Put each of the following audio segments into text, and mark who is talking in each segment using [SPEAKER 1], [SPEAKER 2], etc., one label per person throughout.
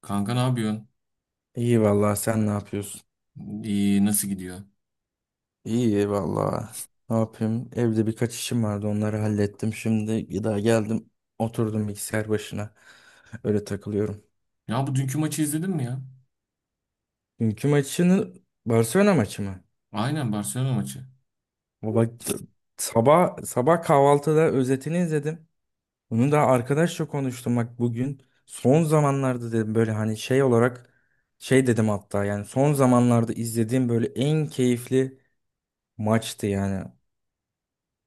[SPEAKER 1] Kanka, ne yapıyorsun?
[SPEAKER 2] İyi vallahi sen ne yapıyorsun?
[SPEAKER 1] İyi, nasıl gidiyor?
[SPEAKER 2] İyi vallahi. Ne yapayım? Evde birkaç işim vardı, onları hallettim. Şimdi daha geldim oturdum bilgisayar başına. Öyle takılıyorum.
[SPEAKER 1] Ya bu dünkü maçı izledin mi ya?
[SPEAKER 2] Dünkü maçını Barcelona maçı mı?
[SPEAKER 1] Aynen, Barcelona maçı.
[SPEAKER 2] O bak sabah sabah kahvaltıda özetini izledim. Bunu da arkadaşla konuştum bak bugün. Son zamanlarda dedim böyle hani şey olarak şey dedim hatta yani son zamanlarda izlediğim böyle en keyifli maçtı yani.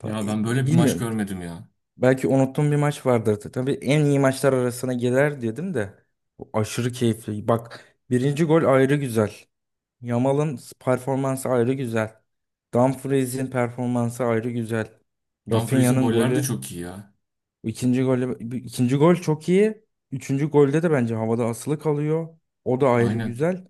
[SPEAKER 1] Ya ben böyle bir maç
[SPEAKER 2] Bilmiyorum.
[SPEAKER 1] görmedim ya.
[SPEAKER 2] Belki unuttuğum bir maç vardır. Tabii en iyi maçlar arasına girer dedim de. Bu aşırı keyifli. Bak birinci gol ayrı güzel. Yamal'ın performansı ayrı güzel. Dumfries'in performansı ayrı güzel.
[SPEAKER 1] Dumfries'in
[SPEAKER 2] Rafinha'nın
[SPEAKER 1] goller de
[SPEAKER 2] golü,
[SPEAKER 1] çok iyi ya.
[SPEAKER 2] ikinci golü, ikinci gol çok iyi. Üçüncü golde de bence havada asılı kalıyor. O da ayrı
[SPEAKER 1] Aynen.
[SPEAKER 2] güzel.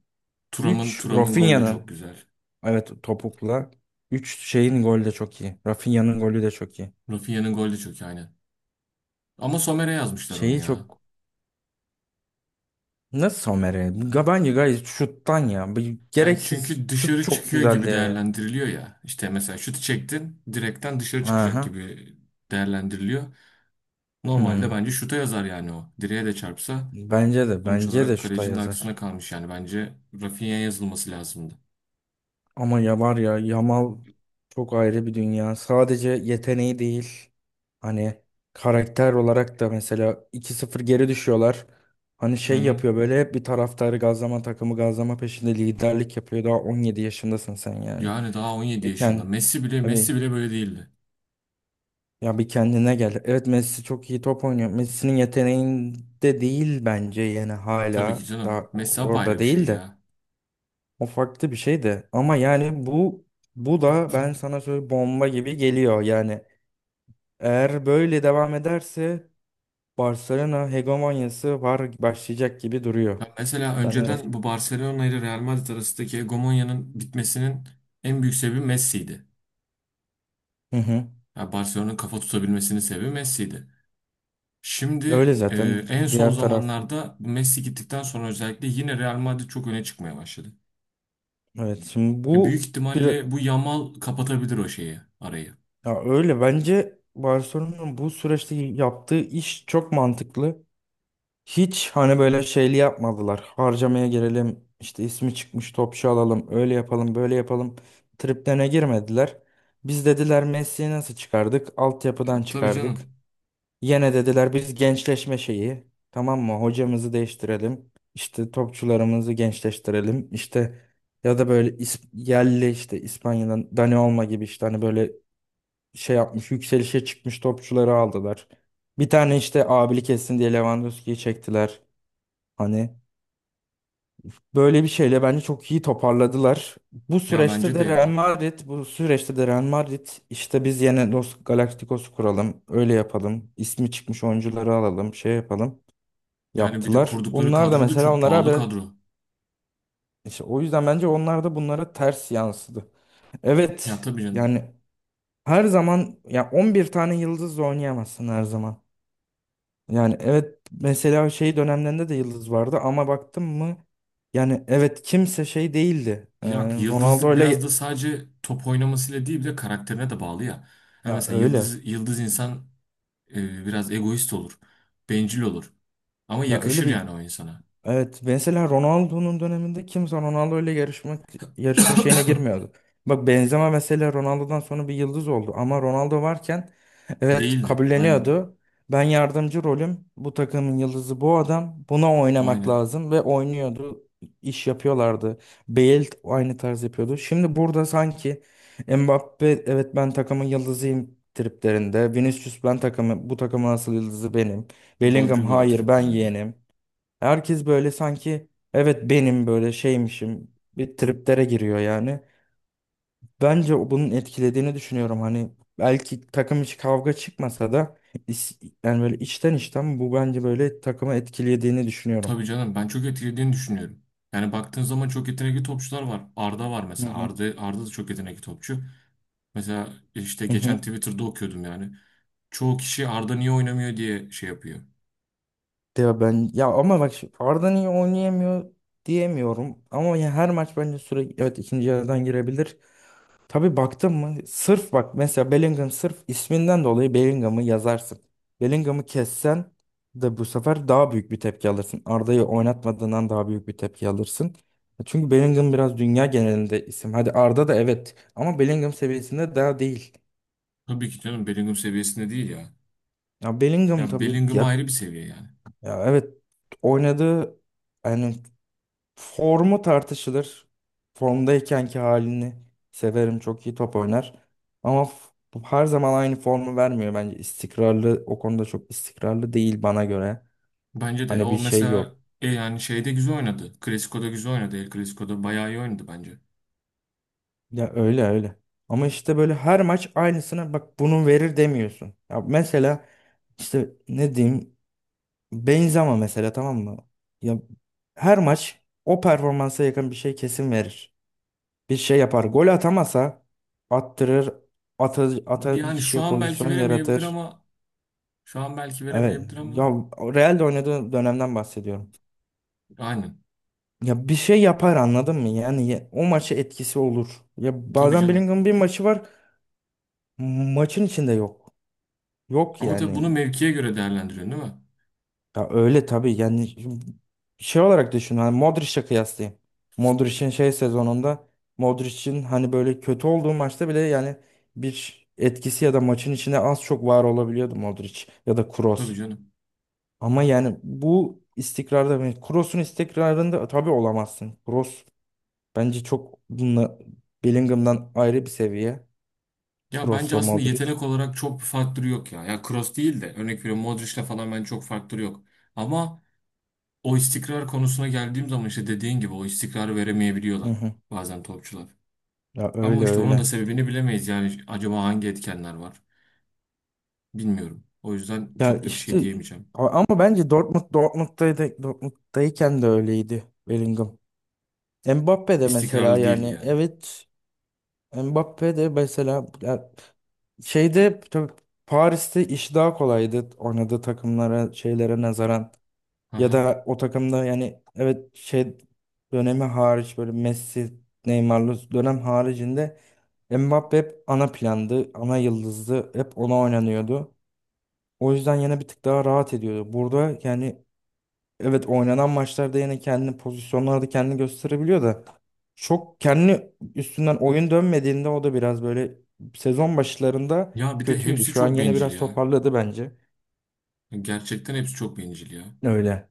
[SPEAKER 1] Thuram'ın
[SPEAKER 2] Üç
[SPEAKER 1] Thuram'ın golü de çok
[SPEAKER 2] Rafinha'nın.
[SPEAKER 1] güzel.
[SPEAKER 2] Evet, topukla. Üç şeyin golü de çok iyi. Rafinha'nın golü de çok iyi.
[SPEAKER 1] Rafinha'nın golü de çok iyi, aynen. Ama Sommer'e yazmışlar onu
[SPEAKER 2] Şeyi
[SPEAKER 1] ya.
[SPEAKER 2] çok Nasıl somere? Bence gayet şuttan ya.
[SPEAKER 1] Yani
[SPEAKER 2] Gereksiz.
[SPEAKER 1] çünkü
[SPEAKER 2] Şut
[SPEAKER 1] dışarı
[SPEAKER 2] çok
[SPEAKER 1] çıkıyor gibi
[SPEAKER 2] güzeldi ya.
[SPEAKER 1] değerlendiriliyor ya. İşte mesela şutu çektin, direkten dışarı çıkacak
[SPEAKER 2] Aha.
[SPEAKER 1] gibi değerlendiriliyor.
[SPEAKER 2] Hmm.
[SPEAKER 1] Normalde bence şuta yazar yani o. Direğe de çarpsa,
[SPEAKER 2] Bence de.
[SPEAKER 1] sonuç
[SPEAKER 2] Bence de
[SPEAKER 1] olarak
[SPEAKER 2] şuta
[SPEAKER 1] kalecinin arkasında
[SPEAKER 2] yazar.
[SPEAKER 1] kalmış yani. Bence Rafinha'ya yazılması lazımdı.
[SPEAKER 2] Ama ya var ya Yamal çok ayrı bir dünya. Sadece yeteneği değil. Hani karakter olarak da mesela 2-0 geri düşüyorlar. Hani
[SPEAKER 1] Hı
[SPEAKER 2] şey
[SPEAKER 1] hı.
[SPEAKER 2] yapıyor böyle hep bir taraftarı gazlama takımı gazlama peşinde liderlik yapıyor. Daha 17 yaşındasın sen yani.
[SPEAKER 1] Yani daha 17 yaşında.
[SPEAKER 2] Beken.
[SPEAKER 1] Messi bile böyle değildi.
[SPEAKER 2] Ya bir kendine gel. Evet, Messi çok iyi top oynuyor. Messi'nin yeteneğinde değil bence yani
[SPEAKER 1] Tabii ki
[SPEAKER 2] hala daha
[SPEAKER 1] canım. Messi apayrı
[SPEAKER 2] orada
[SPEAKER 1] bir şey
[SPEAKER 2] değil de.
[SPEAKER 1] ya.
[SPEAKER 2] O farklı bir şey de. Ama yani bu da ben sana söyle bomba gibi geliyor. Yani eğer böyle devam ederse Barcelona hegemonyası var başlayacak gibi duruyor.
[SPEAKER 1] Ya mesela
[SPEAKER 2] Ben öyle.
[SPEAKER 1] önceden bu Barcelona ile Real Madrid arasındaki hegemonyanın bitmesinin en büyük sebebi Messi'ydi.
[SPEAKER 2] Hı hı.
[SPEAKER 1] Ya Barcelona'nın kafa tutabilmesinin sebebi Messi'ydi. Şimdi
[SPEAKER 2] Öyle zaten
[SPEAKER 1] en son
[SPEAKER 2] diğer taraf.
[SPEAKER 1] zamanlarda bu Messi gittikten sonra özellikle yine Real Madrid çok öne çıkmaya başladı.
[SPEAKER 2] Evet şimdi
[SPEAKER 1] Büyük
[SPEAKER 2] bu bir
[SPEAKER 1] ihtimalle bu Yamal kapatabilir o şeyi, arayı.
[SPEAKER 2] ya öyle bence Barcelona'nın bu süreçte yaptığı iş çok mantıklı. Hiç hani böyle şeyli yapmadılar. Harcamaya girelim, işte ismi çıkmış topçu alalım, öyle yapalım, böyle yapalım. Triplerine girmediler. Biz dediler Messi'yi nasıl çıkardık?
[SPEAKER 1] Ya,
[SPEAKER 2] Altyapıdan
[SPEAKER 1] tabii
[SPEAKER 2] çıkardık.
[SPEAKER 1] canım.
[SPEAKER 2] Yine dediler biz gençleşme şeyi. Tamam mı? Hocamızı değiştirelim. İşte topçularımızı gençleştirelim. İşte ya da böyle yerli işte İspanya'dan Dani Olmo gibi işte hani böyle şey yapmış, yükselişe çıkmış topçuları aldılar. Bir tane işte abilik etsin diye Lewandowski'yi çektiler. Hani böyle bir şeyle bence çok iyi toparladılar.
[SPEAKER 1] Ya bence de ya.
[SPEAKER 2] Bu süreçte de Real Madrid işte biz yine Los Galacticos kuralım, öyle yapalım, ismi çıkmış oyuncuları alalım, şey yapalım.
[SPEAKER 1] Yani bir de
[SPEAKER 2] Yaptılar.
[SPEAKER 1] kurdukları
[SPEAKER 2] Onlar da
[SPEAKER 1] kadro da
[SPEAKER 2] mesela
[SPEAKER 1] çok
[SPEAKER 2] onlara
[SPEAKER 1] pahalı
[SPEAKER 2] biraz
[SPEAKER 1] kadro.
[SPEAKER 2] işte o yüzden bence onlar da bunlara ters yansıdı.
[SPEAKER 1] Ya
[SPEAKER 2] Evet.
[SPEAKER 1] tabii canım.
[SPEAKER 2] Yani her zaman ya 11 tane yıldızla oynayamazsın her zaman. Yani evet mesela şey dönemlerinde de yıldız vardı ama baktım mı yani evet kimse şey değildi.
[SPEAKER 1] Ya
[SPEAKER 2] Ronaldo
[SPEAKER 1] yıldızlık biraz da
[SPEAKER 2] öyle
[SPEAKER 1] sadece top oynamasıyla değil, bir de karakterine de bağlı ya. Ha
[SPEAKER 2] ya
[SPEAKER 1] mesela
[SPEAKER 2] öyle
[SPEAKER 1] yıldız yıldız insan biraz egoist olur. Bencil olur. Ama
[SPEAKER 2] ya öyle
[SPEAKER 1] yakışır
[SPEAKER 2] bir
[SPEAKER 1] yani o insana.
[SPEAKER 2] evet mesela Ronaldo'nun döneminde kimse Ronaldo ile yarışma şeyine girmiyordu. Bak Benzema mesela Ronaldo'dan sonra bir yıldız oldu ama Ronaldo varken evet
[SPEAKER 1] Değildi. Aynen.
[SPEAKER 2] kabulleniyordu. Ben yardımcı rolüm. Bu takımın yıldızı bu adam. Buna oynamak
[SPEAKER 1] Aynen.
[SPEAKER 2] lazım ve oynuyordu. İş yapıyorlardı. Bale aynı tarz yapıyordu. Şimdi burada sanki Mbappe evet ben takımın yıldızıyım triplerinde. Vinicius ben takımı bu takımın asıl yıldızı benim. Bellingham
[SPEAKER 1] Rodrigo
[SPEAKER 2] hayır ben
[SPEAKER 1] triplerde.
[SPEAKER 2] yeğenim. Herkes böyle sanki evet benim böyle şeymişim bir triplere giriyor yani. Bence bunun etkilediğini düşünüyorum. Hani belki takım içi kavga çıkmasa da yani böyle içten içten bu bence böyle takımı etkilediğini düşünüyorum.
[SPEAKER 1] Tabii canım, ben çok etkilediğini düşünüyorum. Yani baktığın zaman çok yetenekli topçular var. Arda var
[SPEAKER 2] Hı
[SPEAKER 1] mesela.
[SPEAKER 2] hı.
[SPEAKER 1] Arda da çok yetenekli topçu. Mesela işte
[SPEAKER 2] Hı
[SPEAKER 1] geçen
[SPEAKER 2] hı.
[SPEAKER 1] Twitter'da okuyordum yani. Çoğu kişi Arda niye oynamıyor diye şey yapıyor.
[SPEAKER 2] Ya ben ya ama bak Arda niye oynayamıyor diyemiyorum. Ama ya her maç bence sürekli evet ikinci yarıdan girebilir. Tabii baktın mı? Sırf bak mesela Bellingham sırf isminden dolayı Bellingham'ı yazarsın. Bellingham'ı kessen de bu sefer daha büyük bir tepki alırsın. Arda'yı oynatmadığından daha büyük bir tepki alırsın. Çünkü Bellingham biraz dünya genelinde isim. Hadi Arda da evet ama Bellingham seviyesinde daha değil.
[SPEAKER 1] Tabii ki canım, Bellingham seviyesinde değil ya.
[SPEAKER 2] Ya Bellingham
[SPEAKER 1] Ya
[SPEAKER 2] tabii
[SPEAKER 1] Bellingham
[SPEAKER 2] ya,
[SPEAKER 1] ayrı bir seviye yani.
[SPEAKER 2] ya evet oynadığı yani formu tartışılır. Formdaykenki halini severim. Çok iyi top oynar. Ama her zaman aynı formu vermiyor bence. İstikrarlı o konuda çok istikrarlı değil bana göre.
[SPEAKER 1] Bence de
[SPEAKER 2] Hani bir
[SPEAKER 1] o
[SPEAKER 2] şey
[SPEAKER 1] mesela
[SPEAKER 2] yok.
[SPEAKER 1] e yani şeyde güzel oynadı. Clasico'da güzel oynadı. El Clasico'da bayağı iyi oynadı bence.
[SPEAKER 2] Ya öyle öyle. Ama işte böyle her maç aynısına bak bunu verir demiyorsun. Ya mesela işte ne diyeyim Benzema mesela tamam mı? Ya her maç o performansa yakın bir şey kesin verir. Bir şey yapar. Gol atamasa attırır, atan
[SPEAKER 1] Yani şu
[SPEAKER 2] kişiye
[SPEAKER 1] an belki
[SPEAKER 2] pozisyon
[SPEAKER 1] veremeyebilir
[SPEAKER 2] yaratır.
[SPEAKER 1] ama şu an belki
[SPEAKER 2] Evet.
[SPEAKER 1] veremeyebilir
[SPEAKER 2] Ya
[SPEAKER 1] ama
[SPEAKER 2] Real'de oynadığı dönemden bahsediyorum.
[SPEAKER 1] aynen.
[SPEAKER 2] Ya bir şey yapar anladın mı? Yani o maça etkisi olur. Ya
[SPEAKER 1] Tabii
[SPEAKER 2] bazen
[SPEAKER 1] canım.
[SPEAKER 2] Bellingham'ın bir maçı var. Maçın içinde yok. Yok
[SPEAKER 1] Ama tabii
[SPEAKER 2] yani.
[SPEAKER 1] bunu mevkiye göre değerlendiriyorsun, değil mi?
[SPEAKER 2] Ya öyle tabii yani şimdi şey olarak düşün hani Modric'e kıyaslayayım. Modric'in şey sezonunda Modric'in hani böyle kötü olduğu maçta bile yani bir etkisi ya da maçın içinde az çok var olabiliyordu Modric ya da
[SPEAKER 1] Tabii
[SPEAKER 2] Kroos.
[SPEAKER 1] canım.
[SPEAKER 2] Ama yani bu istikrarda yani Kroos'un istikrarında tabii olamazsın. Kroos bence çok bununla Bellingham'dan ayrı bir seviye.
[SPEAKER 1] Ya bence
[SPEAKER 2] Kroos'la
[SPEAKER 1] aslında
[SPEAKER 2] Modric.
[SPEAKER 1] yetenek olarak çok bir faktörü yok ya. Ya Kroos değil de, örnek veriyorum, Modric'le falan bence çok faktörü yok. Ama o istikrar konusuna geldiğim zaman işte dediğin gibi o istikrarı
[SPEAKER 2] Hı
[SPEAKER 1] veremeyebiliyorlar
[SPEAKER 2] hı.
[SPEAKER 1] bazen topçular.
[SPEAKER 2] Ya
[SPEAKER 1] Ama
[SPEAKER 2] öyle
[SPEAKER 1] işte onun da
[SPEAKER 2] öyle.
[SPEAKER 1] sebebini bilemeyiz yani, acaba hangi etkenler var bilmiyorum. O yüzden
[SPEAKER 2] Ya
[SPEAKER 1] çok da bir şey
[SPEAKER 2] işte
[SPEAKER 1] diyemeyeceğim.
[SPEAKER 2] ama bence Dortmund'daydı, Dortmund'dayken de öyleydi Bellingham. Mbappe de mesela
[SPEAKER 1] İstikrarlı değildi
[SPEAKER 2] yani
[SPEAKER 1] yani.
[SPEAKER 2] evet Mbappe de mesela ya şeyde tabii Paris'te iş daha kolaydı oynadığı takımlara şeylere nazaran ya
[SPEAKER 1] Aha.
[SPEAKER 2] da o takımda yani evet şey dönemi hariç böyle Messi Neymar'lı dönem haricinde Mbappe hep ana plandı ana yıldızdı hep ona oynanıyordu. O yüzden yine bir tık daha rahat ediyordu. Burada yani evet oynanan maçlarda yine kendini pozisyonlarda kendini gösterebiliyor da çok kendi üstünden oyun dönmediğinde o da biraz böyle sezon başlarında
[SPEAKER 1] Ya bir de
[SPEAKER 2] kötüydü.
[SPEAKER 1] hepsi
[SPEAKER 2] Şu an
[SPEAKER 1] çok
[SPEAKER 2] yine
[SPEAKER 1] bencil
[SPEAKER 2] biraz
[SPEAKER 1] ya.
[SPEAKER 2] toparladı bence.
[SPEAKER 1] Gerçekten hepsi çok bencil ya.
[SPEAKER 2] Öyle.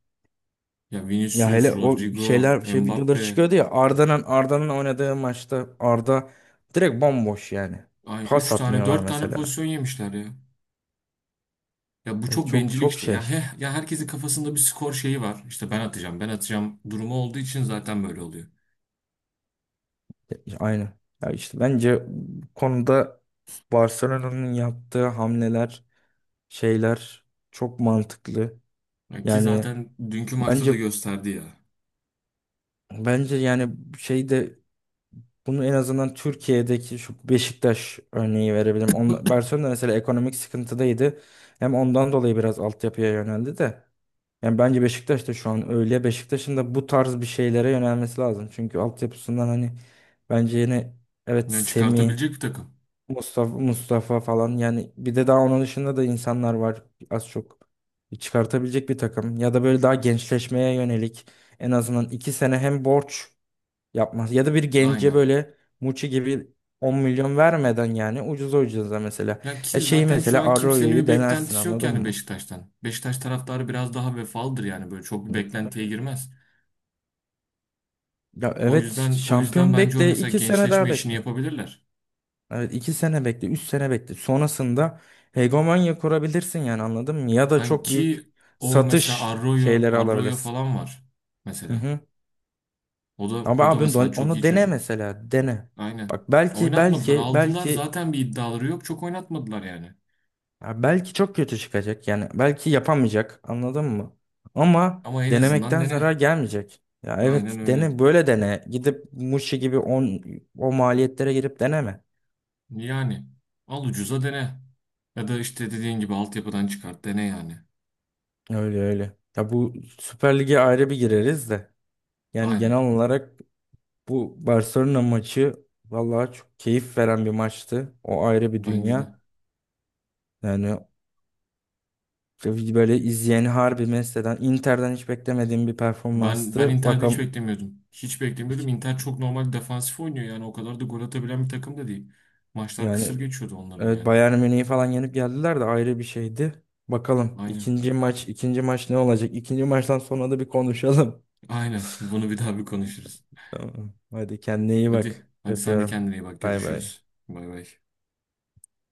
[SPEAKER 1] Ya
[SPEAKER 2] Ya
[SPEAKER 1] Vinicius,
[SPEAKER 2] hele o
[SPEAKER 1] Rodrigo,
[SPEAKER 2] şeyler şey videoları
[SPEAKER 1] Mbappe.
[SPEAKER 2] çıkıyordu ya Arda'nın oynadığı maçta Arda direkt bomboş yani.
[SPEAKER 1] Ay
[SPEAKER 2] Pas
[SPEAKER 1] 3 tane
[SPEAKER 2] atmıyorlar
[SPEAKER 1] 4 tane
[SPEAKER 2] mesela.
[SPEAKER 1] pozisyon yemişler ya. Ya bu çok
[SPEAKER 2] Çok
[SPEAKER 1] bencillik
[SPEAKER 2] çok
[SPEAKER 1] işte. Ya,
[SPEAKER 2] şey.
[SPEAKER 1] heh, ya herkesin kafasında bir skor şeyi var. İşte ben atacağım, ben atacağım durumu olduğu için zaten böyle oluyor.
[SPEAKER 2] Aynı. Ya işte bence bu konuda Barcelona'nın yaptığı hamleler şeyler çok mantıklı.
[SPEAKER 1] Ya ki
[SPEAKER 2] Yani
[SPEAKER 1] zaten dünkü maçta da
[SPEAKER 2] bence
[SPEAKER 1] gösterdi ya.
[SPEAKER 2] bence yani şeyde bunu en azından Türkiye'deki şu Beşiktaş örneği verebilirim. Barcelona mesela ekonomik sıkıntıdaydı. Hem ondan dolayı biraz altyapıya yöneldi de. Yani bence Beşiktaş da şu an öyle. Beşiktaş'ın da bu tarz bir şeylere yönelmesi lazım. Çünkü altyapısından hani bence yine evet
[SPEAKER 1] Yani
[SPEAKER 2] Semih
[SPEAKER 1] çıkartabilecek bir takım.
[SPEAKER 2] Mustafa falan yani bir de daha onun dışında da insanlar var az çok çıkartabilecek bir takım ya da böyle daha gençleşmeye yönelik en azından 2 sene hem borç yapmaz ya da bir gence
[SPEAKER 1] Aynen.
[SPEAKER 2] böyle Muçi gibi 10 milyon vermeden yani ucuza ucuza mesela
[SPEAKER 1] Ya
[SPEAKER 2] ya
[SPEAKER 1] ki
[SPEAKER 2] şeyi
[SPEAKER 1] zaten şu
[SPEAKER 2] mesela
[SPEAKER 1] an kimsenin
[SPEAKER 2] Arroyo'yu
[SPEAKER 1] bir
[SPEAKER 2] denersin
[SPEAKER 1] beklentisi yok
[SPEAKER 2] anladın
[SPEAKER 1] yani
[SPEAKER 2] mı?
[SPEAKER 1] Beşiktaş'tan. Beşiktaş taraftarı biraz daha vefalıdır yani, böyle çok bir
[SPEAKER 2] Hı,
[SPEAKER 1] beklentiye
[SPEAKER 2] öyle.
[SPEAKER 1] girmez.
[SPEAKER 2] Ya
[SPEAKER 1] O
[SPEAKER 2] evet işte
[SPEAKER 1] yüzden o yüzden
[SPEAKER 2] şampiyon
[SPEAKER 1] bence o
[SPEAKER 2] bekle
[SPEAKER 1] mesela
[SPEAKER 2] 2 sene daha
[SPEAKER 1] gençleşme işini
[SPEAKER 2] bekle.
[SPEAKER 1] yapabilirler.
[SPEAKER 2] Evet 2 sene bekle, 3 sene bekle. Sonrasında hegemonya kurabilirsin yani anladın mı? Ya da
[SPEAKER 1] Yani
[SPEAKER 2] çok büyük
[SPEAKER 1] ki o mesela
[SPEAKER 2] satış
[SPEAKER 1] Arroyo,
[SPEAKER 2] şeyleri
[SPEAKER 1] Arroyo
[SPEAKER 2] alabilirsin.
[SPEAKER 1] falan var
[SPEAKER 2] Hı
[SPEAKER 1] mesela.
[SPEAKER 2] hı.
[SPEAKER 1] O da
[SPEAKER 2] Ama
[SPEAKER 1] o da
[SPEAKER 2] abi
[SPEAKER 1] mesela çok iyi
[SPEAKER 2] onu dene
[SPEAKER 1] çocuk.
[SPEAKER 2] mesela, dene.
[SPEAKER 1] Aynen.
[SPEAKER 2] Bak belki
[SPEAKER 1] Oynatmadılar.
[SPEAKER 2] belki
[SPEAKER 1] Aldılar.
[SPEAKER 2] belki
[SPEAKER 1] Zaten bir iddiaları yok. Çok oynatmadılar yani.
[SPEAKER 2] ya belki çok kötü çıkacak yani belki yapamayacak anladın mı? Ama
[SPEAKER 1] Ama en azından
[SPEAKER 2] denemekten zarar
[SPEAKER 1] dene.
[SPEAKER 2] gelmeyecek. Ya
[SPEAKER 1] Aynen
[SPEAKER 2] evet
[SPEAKER 1] öyle.
[SPEAKER 2] dene böyle dene. Gidip Muşi gibi o maliyetlere girip deneme.
[SPEAKER 1] Yani al ucuza dene. Ya da işte dediğin gibi altyapıdan çıkart. Dene yani.
[SPEAKER 2] Öyle öyle. Ya bu Süper Lig'e ayrı bir gireriz de. Yani genel
[SPEAKER 1] Aynen.
[SPEAKER 2] olarak bu Barcelona maçı vallahi çok keyif veren bir maçtı. O ayrı bir
[SPEAKER 1] Bence de.
[SPEAKER 2] dünya. Yani böyle izleyeni harbi mest eden Inter'den hiç beklemediğim bir
[SPEAKER 1] Ben
[SPEAKER 2] performanstı.
[SPEAKER 1] Inter'de hiç
[SPEAKER 2] Bakalım
[SPEAKER 1] beklemiyordum. Hiç beklemiyordum. Inter çok normal defansif oynuyor yani. O kadar da gol atabilen bir takım da değil. Maçlar
[SPEAKER 2] yani
[SPEAKER 1] kısır geçiyordu onların
[SPEAKER 2] evet
[SPEAKER 1] yani.
[SPEAKER 2] Bayern Münih'i falan yenip geldiler de ayrı bir şeydi. Bakalım
[SPEAKER 1] Aynen.
[SPEAKER 2] ikinci maç ikinci maç ne olacak? İkinci maçtan sonra da bir konuşalım.
[SPEAKER 1] Aynen. Bunu bir daha bir konuşuruz.
[SPEAKER 2] Tamam. Hadi kendine iyi
[SPEAKER 1] Hadi.
[SPEAKER 2] bak.
[SPEAKER 1] Hadi sen de
[SPEAKER 2] Öpüyorum.
[SPEAKER 1] kendine iyi bak.
[SPEAKER 2] Bay bay.
[SPEAKER 1] Görüşürüz. Bay bay.